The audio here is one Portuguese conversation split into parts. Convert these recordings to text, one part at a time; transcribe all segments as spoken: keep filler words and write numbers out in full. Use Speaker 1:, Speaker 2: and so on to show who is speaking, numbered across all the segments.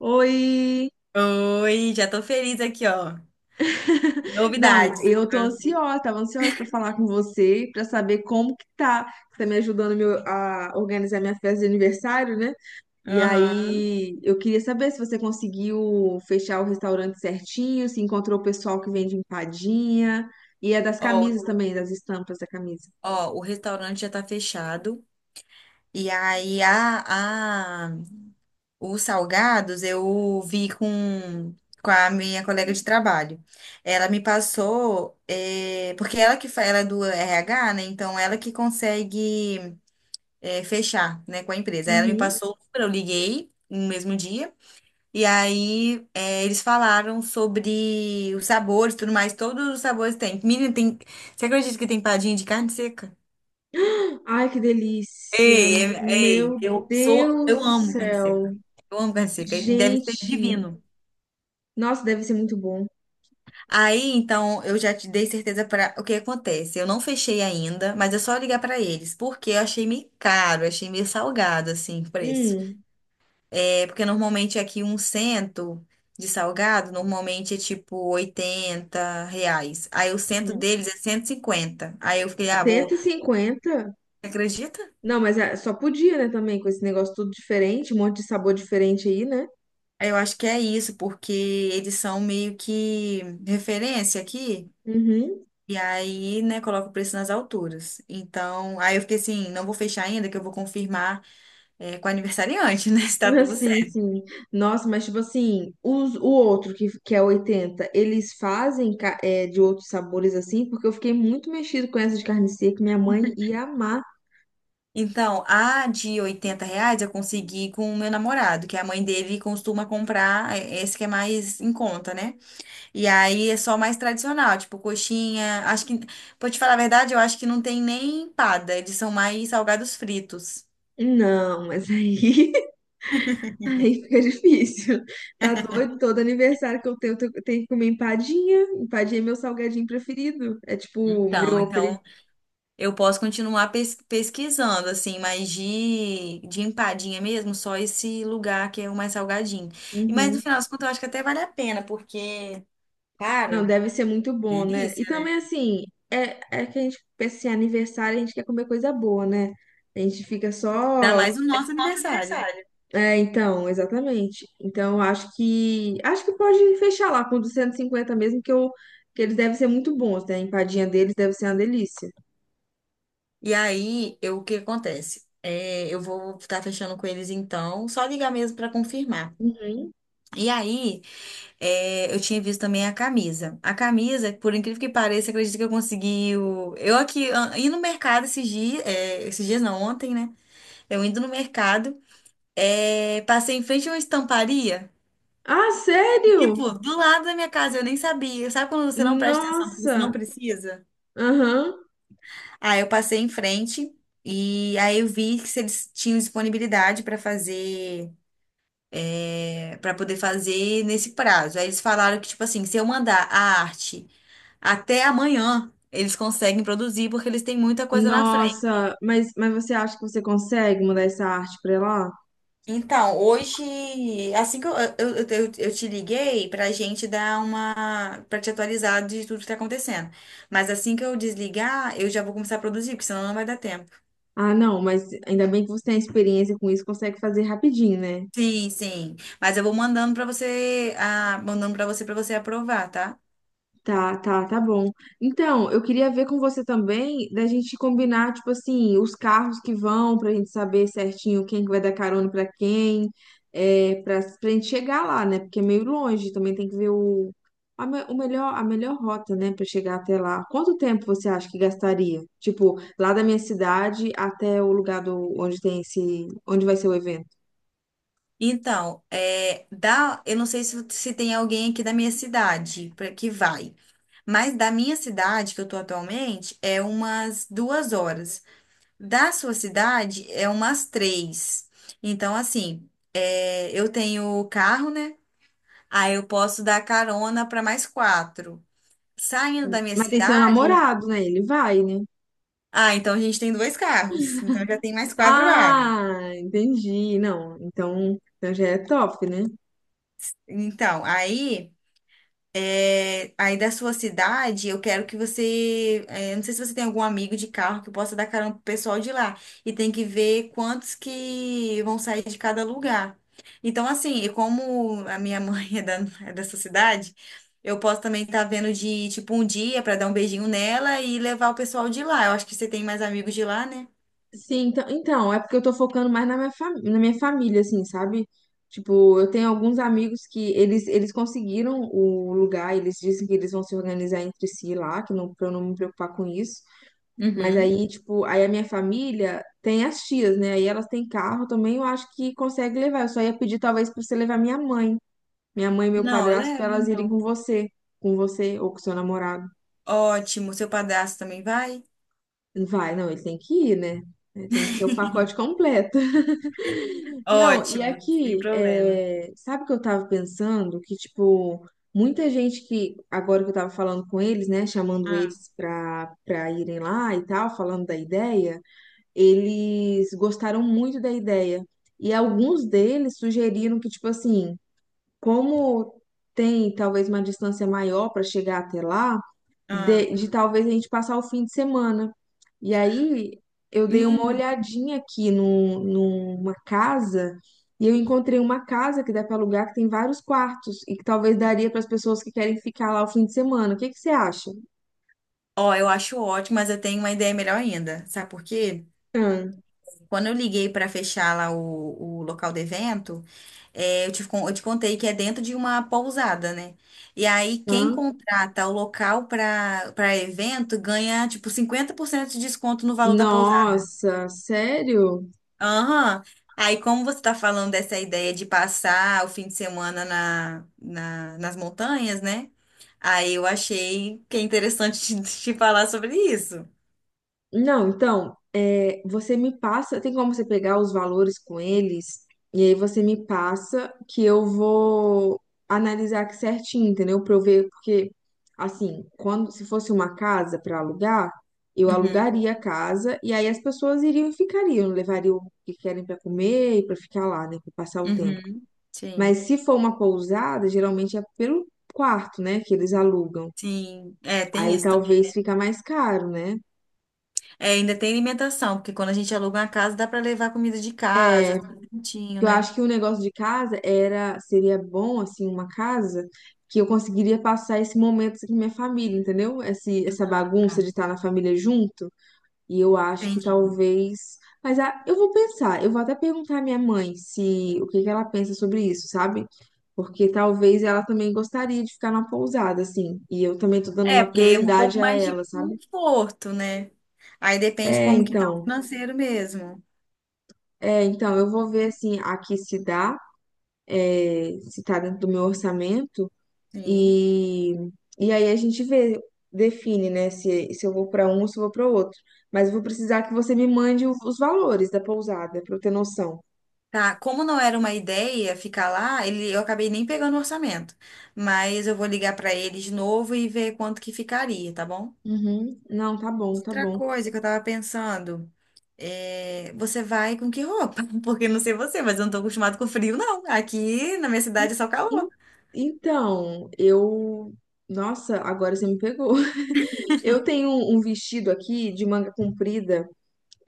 Speaker 1: Oi!
Speaker 2: Oi, já tô feliz aqui, ó.
Speaker 1: Não,
Speaker 2: Novidades.
Speaker 1: eu tô
Speaker 2: Pra
Speaker 1: ansiosa, tava ansiosa pra falar com você, pra saber como que tá. Você tá me ajudando meu- a organizar minha festa de aniversário, né? E
Speaker 2: Aham.
Speaker 1: aí, eu queria saber se você conseguiu fechar o restaurante certinho, se encontrou o pessoal que vende empadinha, e é das
Speaker 2: Ó,
Speaker 1: camisas também, das estampas da camisa.
Speaker 2: ó, o restaurante já tá fechado. E aí, a, a, os salgados eu vi com, com a minha colega de trabalho. Ela me passou, eh, porque ela que fa- ela é do R H, né? Então, ela que consegue, eh, fechar, né, com a empresa. Aí ela me
Speaker 1: Uhum.
Speaker 2: passou o número, eu liguei no mesmo dia. E aí, é, eles falaram sobre os sabores e tudo mais. Todos os sabores tem. Menina, tem. Você acredita que tem padinha de carne seca?
Speaker 1: Ai, que delícia!
Speaker 2: Ei, é- ei,
Speaker 1: Meu
Speaker 2: eu sou.
Speaker 1: Deus
Speaker 2: Eu
Speaker 1: do
Speaker 2: amo carne
Speaker 1: céu!
Speaker 2: seca. Eu amo carne seca. Deve ser
Speaker 1: Gente,
Speaker 2: divino.
Speaker 1: nossa, deve ser muito bom.
Speaker 2: Aí, então, eu já te dei certeza para o que acontece. Eu não fechei ainda, mas é só ligar para eles, porque eu achei meio caro, achei meio salgado, assim, o preço.
Speaker 1: Hum.
Speaker 2: É, porque normalmente aqui um cento de salgado, normalmente é tipo oitenta reais. Aí o cento deles é cento e cinquenta. Aí eu fiquei, ah,
Speaker 1: cento
Speaker 2: vou.
Speaker 1: e cinquenta
Speaker 2: Acredita?
Speaker 1: Não, mas é- só podia, né, também, com esse negócio tudo diferente, um monte de sabor diferente aí, né?
Speaker 2: Eu acho que é isso, porque eles são meio que referência aqui.
Speaker 1: Uhum.
Speaker 2: E aí, né, coloca o preço nas alturas. Então, aí eu fiquei assim, não vou fechar ainda, que eu vou confirmar, é, com o aniversariante, né? Se tá tudo.
Speaker 1: Assim, sim. Nossa, mas tipo assim, os, o outro que, que é oitenta eles fazem ca- é, de outros sabores assim, porque eu fiquei muito mexido com essa de carne seca, minha mãe ia amar.
Speaker 2: Então, a de oitenta reais eu consegui com o meu namorado, que a mãe dele costuma comprar é, esse que é mais em conta, né? E aí é só mais tradicional, tipo coxinha. Acho que, pra te falar a verdade, eu acho que não tem nem empada, eles são mais salgados fritos.
Speaker 1: Não, mas aí, aí fica difícil. Tá doido? Todo aniversário que eu tenho, eu tenho eu tenho que comer empadinha. Empadinha é meu salgadinho preferido. É tipo,
Speaker 2: Então,
Speaker 1: meu apelido.
Speaker 2: então eu posso continuar pes- pesquisando, assim, mas de, de empadinha mesmo, só esse lugar que é o mais salgadinho. E mas no final das contas, eu acho que até vale a pena, porque, cara.
Speaker 1: Não, deve ser muito bom,
Speaker 2: Sim.
Speaker 1: né? E
Speaker 2: Delícia, né?
Speaker 1: também, assim, é, é que a gente pensa assim, aniversário, a gente quer comer coisa boa, né? A gente fica
Speaker 2: Ainda
Speaker 1: só.
Speaker 2: mais o nosso
Speaker 1: Nosso
Speaker 2: aniversário.
Speaker 1: aniversário. É, então, exatamente. Então, acho que. Acho que pode fechar lá com duzentos e cinquenta, mesmo, que, eu, que eles devem ser muito bons, né? A empadinha deles deve ser uma delícia.
Speaker 2: E aí, eu, o que acontece? É, eu vou estar fechando com eles então, só ligar mesmo para confirmar.
Speaker 1: Uhum.
Speaker 2: E aí, é, eu tinha visto também a camisa. A camisa, por incrível que pareça, acredito que eu consegui. o- Eu aqui, ah, indo no mercado esses dias, é, esses dias não, ontem, né? Eu indo no mercado, é, passei em frente a uma estamparia,
Speaker 1: Ah, sério?
Speaker 2: tipo, do lado da minha casa, eu nem sabia. Sabe quando você não presta atenção porque você não
Speaker 1: Nossa!
Speaker 2: precisa?
Speaker 1: Aham.
Speaker 2: Aí eu passei em frente e aí eu vi que se eles tinham disponibilidade para fazer, é, para poder fazer nesse prazo. Aí eles falaram que, tipo assim, se eu mandar a arte até amanhã, eles conseguem produzir porque eles têm muita coisa na frente.
Speaker 1: Nossa, mas, mas você acha que você consegue mandar essa arte pra lá?
Speaker 2: Então, hoje, assim que eu, eu, eu, eu- eu te liguei pra gente dar uma, pra te atualizar de tudo que tá acontecendo. Mas assim que eu desligar, eu já vou começar a produzir, porque senão não vai dar tempo.
Speaker 1: Ah, não, mas ainda bem que você tem experiência com isso, consegue fazer rapidinho, né?
Speaker 2: Sim, sim. Mas eu vou mandando para você, ah, mandando para você para você aprovar, tá?
Speaker 1: Tá, tá, tá bom. Então, eu queria ver com você também da gente combinar, tipo assim, os carros que vão, pra gente saber certinho quem que vai dar carona pra quem, é, pra, pra gente chegar lá, né? Porque é meio longe, também tem que ver o, a, me- o melhor, a melhor rota, né, pra chegar até lá. Quanto tempo você acha que gastaria? Tipo, lá da minha cidade até o lugar do, onde tem esse, onde vai ser o evento?
Speaker 2: Então, é, dá, eu não sei se, se tem alguém aqui da minha cidade pra, que vai, mas da minha cidade que eu tô atualmente é umas duas horas. Da sua cidade é umas três. Então, assim, é, eu tenho carro, né? Aí eu posso dar carona para mais quatro. Saindo da minha
Speaker 1: Mas tem seu
Speaker 2: cidade,
Speaker 1: namorado, né? Ele vai, né?
Speaker 2: ah, então a gente tem dois carros, então já tem mais quatro vagas.
Speaker 1: Ah, entendi. Não, então, então já é top, né?
Speaker 2: Então, aí, é, aí da sua cidade, eu quero que você, é, não sei se você tem algum amigo de carro que possa dar carona pro pessoal de lá. E tem que ver quantos que vão sair de cada lugar. Então, assim, e como a minha mãe é, da, é dessa cidade, eu posso também estar vendo de, tipo, um dia para dar um beijinho nela e levar o pessoal de lá. Eu acho que você tem mais amigos de lá, né?
Speaker 1: Sim, então, então, é porque eu tô focando mais na minha, fam- na minha família, assim, sabe? Tipo, eu tenho alguns amigos que eles, eles conseguiram o lugar, eles dizem que eles vão se organizar entre si lá, que não, pra eu não me preocupar com isso. Mas
Speaker 2: Uhum.
Speaker 1: aí, tipo, aí a minha família tem as tias, né? Aí elas têm carro também, eu acho que consegue levar. Eu só ia pedir talvez pra você levar minha mãe, minha mãe e meu
Speaker 2: Não, eu
Speaker 1: padrasto, pra
Speaker 2: levo,
Speaker 1: elas irem com
Speaker 2: então.
Speaker 1: você, com você ou com seu namorado.
Speaker 2: Ótimo, seu padrasto também vai?
Speaker 1: Vai, não, ele tem que ir, né? É, tem que ser o pacote completo. Não, e
Speaker 2: Ótimo, sem
Speaker 1: aqui,
Speaker 2: problema.
Speaker 1: é, sabe o que eu tava pensando? Que, tipo, muita gente que, agora que eu tava falando com eles, né, chamando
Speaker 2: Ah,
Speaker 1: eles pra, pra irem lá e tal, falando da ideia, eles gostaram muito da ideia. E alguns deles sugeriram que, tipo assim, como tem talvez uma distância maior para chegar até lá
Speaker 2: ah.
Speaker 1: de, de talvez a gente passar o fim de semana. E aí eu dei uma
Speaker 2: Hum.
Speaker 1: olhadinha aqui no, numa casa e eu encontrei uma casa que dá para alugar que tem vários quartos e que talvez daria para as pessoas que querem ficar lá o fim de semana. O que que você acha?
Speaker 2: Ó, eu acho ótimo, mas eu tenho uma ideia melhor ainda. Sabe por quê?
Speaker 1: Hã?
Speaker 2: Quando eu liguei para fechar lá o, o local do evento, é, eu te, con- eu te contei que é dentro de uma pousada, né? E aí, quem
Speaker 1: Hã?
Speaker 2: contrata o local para para evento ganha, tipo, cinquenta por cento de desconto no valor da pousada.
Speaker 1: Nossa, sério?
Speaker 2: Aham. Aí, como você está falando dessa ideia de passar o fim de semana na, na- nas montanhas, né? Aí eu achei que é interessante te, te falar sobre isso.
Speaker 1: Não, então, é, você me passa, tem como você pegar os valores com eles, e aí você me passa que eu vou analisar aqui certinho, entendeu? Pra eu ver, porque, assim, quando se fosse uma casa para alugar, eu
Speaker 2: Uhum,
Speaker 1: alugaria a casa, e aí as pessoas iriam e ficariam, levariam o que querem para comer e para ficar lá, né, para passar o tempo.
Speaker 2: uhum.
Speaker 1: Mas
Speaker 2: Sim,
Speaker 1: se for uma pousada, geralmente é pelo quarto, né, que eles alugam.
Speaker 2: sim. É, tem
Speaker 1: Aí
Speaker 2: isso também.
Speaker 1: talvez fica mais caro, né?
Speaker 2: É, ainda tem alimentação, porque quando a gente aluga uma casa, dá para levar comida de
Speaker 1: É.
Speaker 2: casa, tudo certinho,
Speaker 1: Eu
Speaker 2: né?
Speaker 1: acho que o negócio de casa era, seria bom, assim, uma casa que eu conseguiria passar esse momento assim, com minha família, entendeu? Esse, essa
Speaker 2: Ah,
Speaker 1: bagunça de estar na família junto. E eu acho que
Speaker 2: entendi.
Speaker 1: talvez. Mas ah, eu vou pensar, eu vou até perguntar à minha mãe se o que que ela pensa sobre isso, sabe? Porque talvez ela também gostaria de ficar numa pousada, assim. E eu também tô dando
Speaker 2: É,
Speaker 1: uma
Speaker 2: porque é um pouco
Speaker 1: prioridade a
Speaker 2: mais de
Speaker 1: ela, sabe?
Speaker 2: conforto, né? Aí depende
Speaker 1: É,
Speaker 2: como que tá o
Speaker 1: então.
Speaker 2: financeiro mesmo.
Speaker 1: É, então, eu vou ver assim aqui se dá, eh, se tá dentro do meu orçamento.
Speaker 2: Sim.
Speaker 1: E, e aí a gente vê, define, né, se, se eu vou para um ou se eu vou para outro. Mas eu vou precisar que você me mande o- os valores da pousada, para eu ter noção.
Speaker 2: Tá, como não era uma ideia ficar lá, ele, eu acabei nem pegando o orçamento. Mas eu vou ligar pra ele de novo e ver quanto que ficaria, tá bom?
Speaker 1: Uhum. Não, tá bom, tá
Speaker 2: Outra
Speaker 1: bom.
Speaker 2: coisa que eu tava pensando, é, você vai com que roupa? Porque não sei você, mas eu não tô acostumado com frio, não. Aqui na minha cidade
Speaker 1: En-
Speaker 2: é só calor.
Speaker 1: Então, eu. Nossa, agora você me pegou. Eu tenho um um vestido aqui de manga comprida.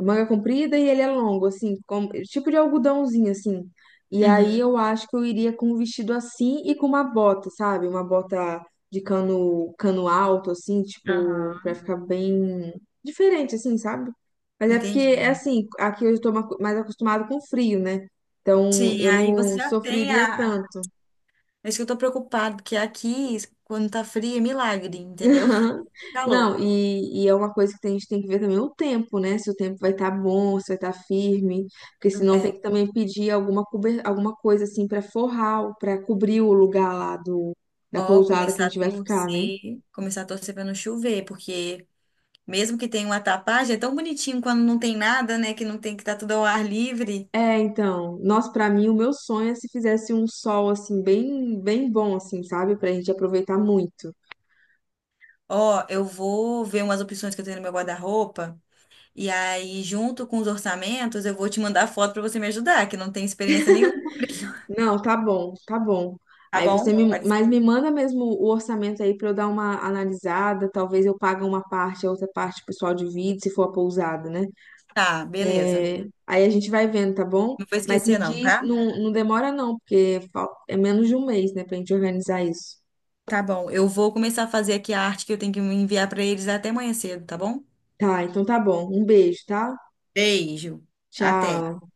Speaker 1: Manga comprida e ele é longo, assim, como, tipo de algodãozinho, assim. E aí
Speaker 2: Uhum.
Speaker 1: eu acho que eu iria com um vestido assim e com uma bota, sabe? Uma bota de cano, cano alto, assim, tipo, pra
Speaker 2: Aham.
Speaker 1: ficar bem diferente, assim, sabe? Mas é porque,
Speaker 2: Entendi.
Speaker 1: é assim, aqui eu estou ma- mais acostumado com frio, né? Então
Speaker 2: Sim,
Speaker 1: eu
Speaker 2: aí você
Speaker 1: não
Speaker 2: já tem
Speaker 1: sofreria
Speaker 2: a.
Speaker 1: tanto.
Speaker 2: É isso que eu tô preocupado, porque aqui, quando tá frio, é milagre, entendeu?
Speaker 1: Aham.
Speaker 2: Calor.
Speaker 1: Não, e, e é uma coisa que a gente tem que ver também o tempo, né? Se o tempo vai estar bom, se vai estar firme, porque senão tem
Speaker 2: é
Speaker 1: que também pedir alguma, cober- alguma coisa assim para forrar, para cobrir o lugar lá do, da
Speaker 2: Ó,
Speaker 1: pousada que a
Speaker 2: começar a
Speaker 1: gente vai ficar, né?
Speaker 2: torcer, começar a torcer para não chover, porque mesmo que tenha uma tapagem, é tão bonitinho quando não tem nada, né? Que não tem que tá tudo ao ar livre.
Speaker 1: É, então, nossa, pra mim o meu sonho é se fizesse um sol assim bem, bem bom assim, sabe? Pra gente aproveitar muito.
Speaker 2: Ó, eu vou ver umas opções que eu tenho no meu guarda-roupa, e aí, junto com os orçamentos, eu vou te mandar foto para você me ajudar, que não tem experiência nenhuma com frio.
Speaker 1: Não, tá bom, tá bom.
Speaker 2: Tá
Speaker 1: Aí você
Speaker 2: bom?
Speaker 1: me,
Speaker 2: Pode
Speaker 1: mas
Speaker 2: ser?
Speaker 1: me manda mesmo o orçamento aí pra eu dar uma analisada. Talvez eu pague uma parte, a outra parte o pessoal divide, se for a pousada, né?
Speaker 2: Tá, beleza.
Speaker 1: É, aí a gente vai vendo, tá bom?
Speaker 2: Não vou
Speaker 1: Mas me
Speaker 2: esquecer, não,
Speaker 1: diz,
Speaker 2: tá?
Speaker 1: não, não demora não, porque fal- é menos de um mês, né, pra gente organizar isso.
Speaker 2: Tá bom. Eu vou começar a fazer aqui a arte que eu tenho que enviar para eles até amanhã cedo, tá bom?
Speaker 1: Tá, então tá bom. Um beijo, tá?
Speaker 2: Beijo. Até.
Speaker 1: Tchau.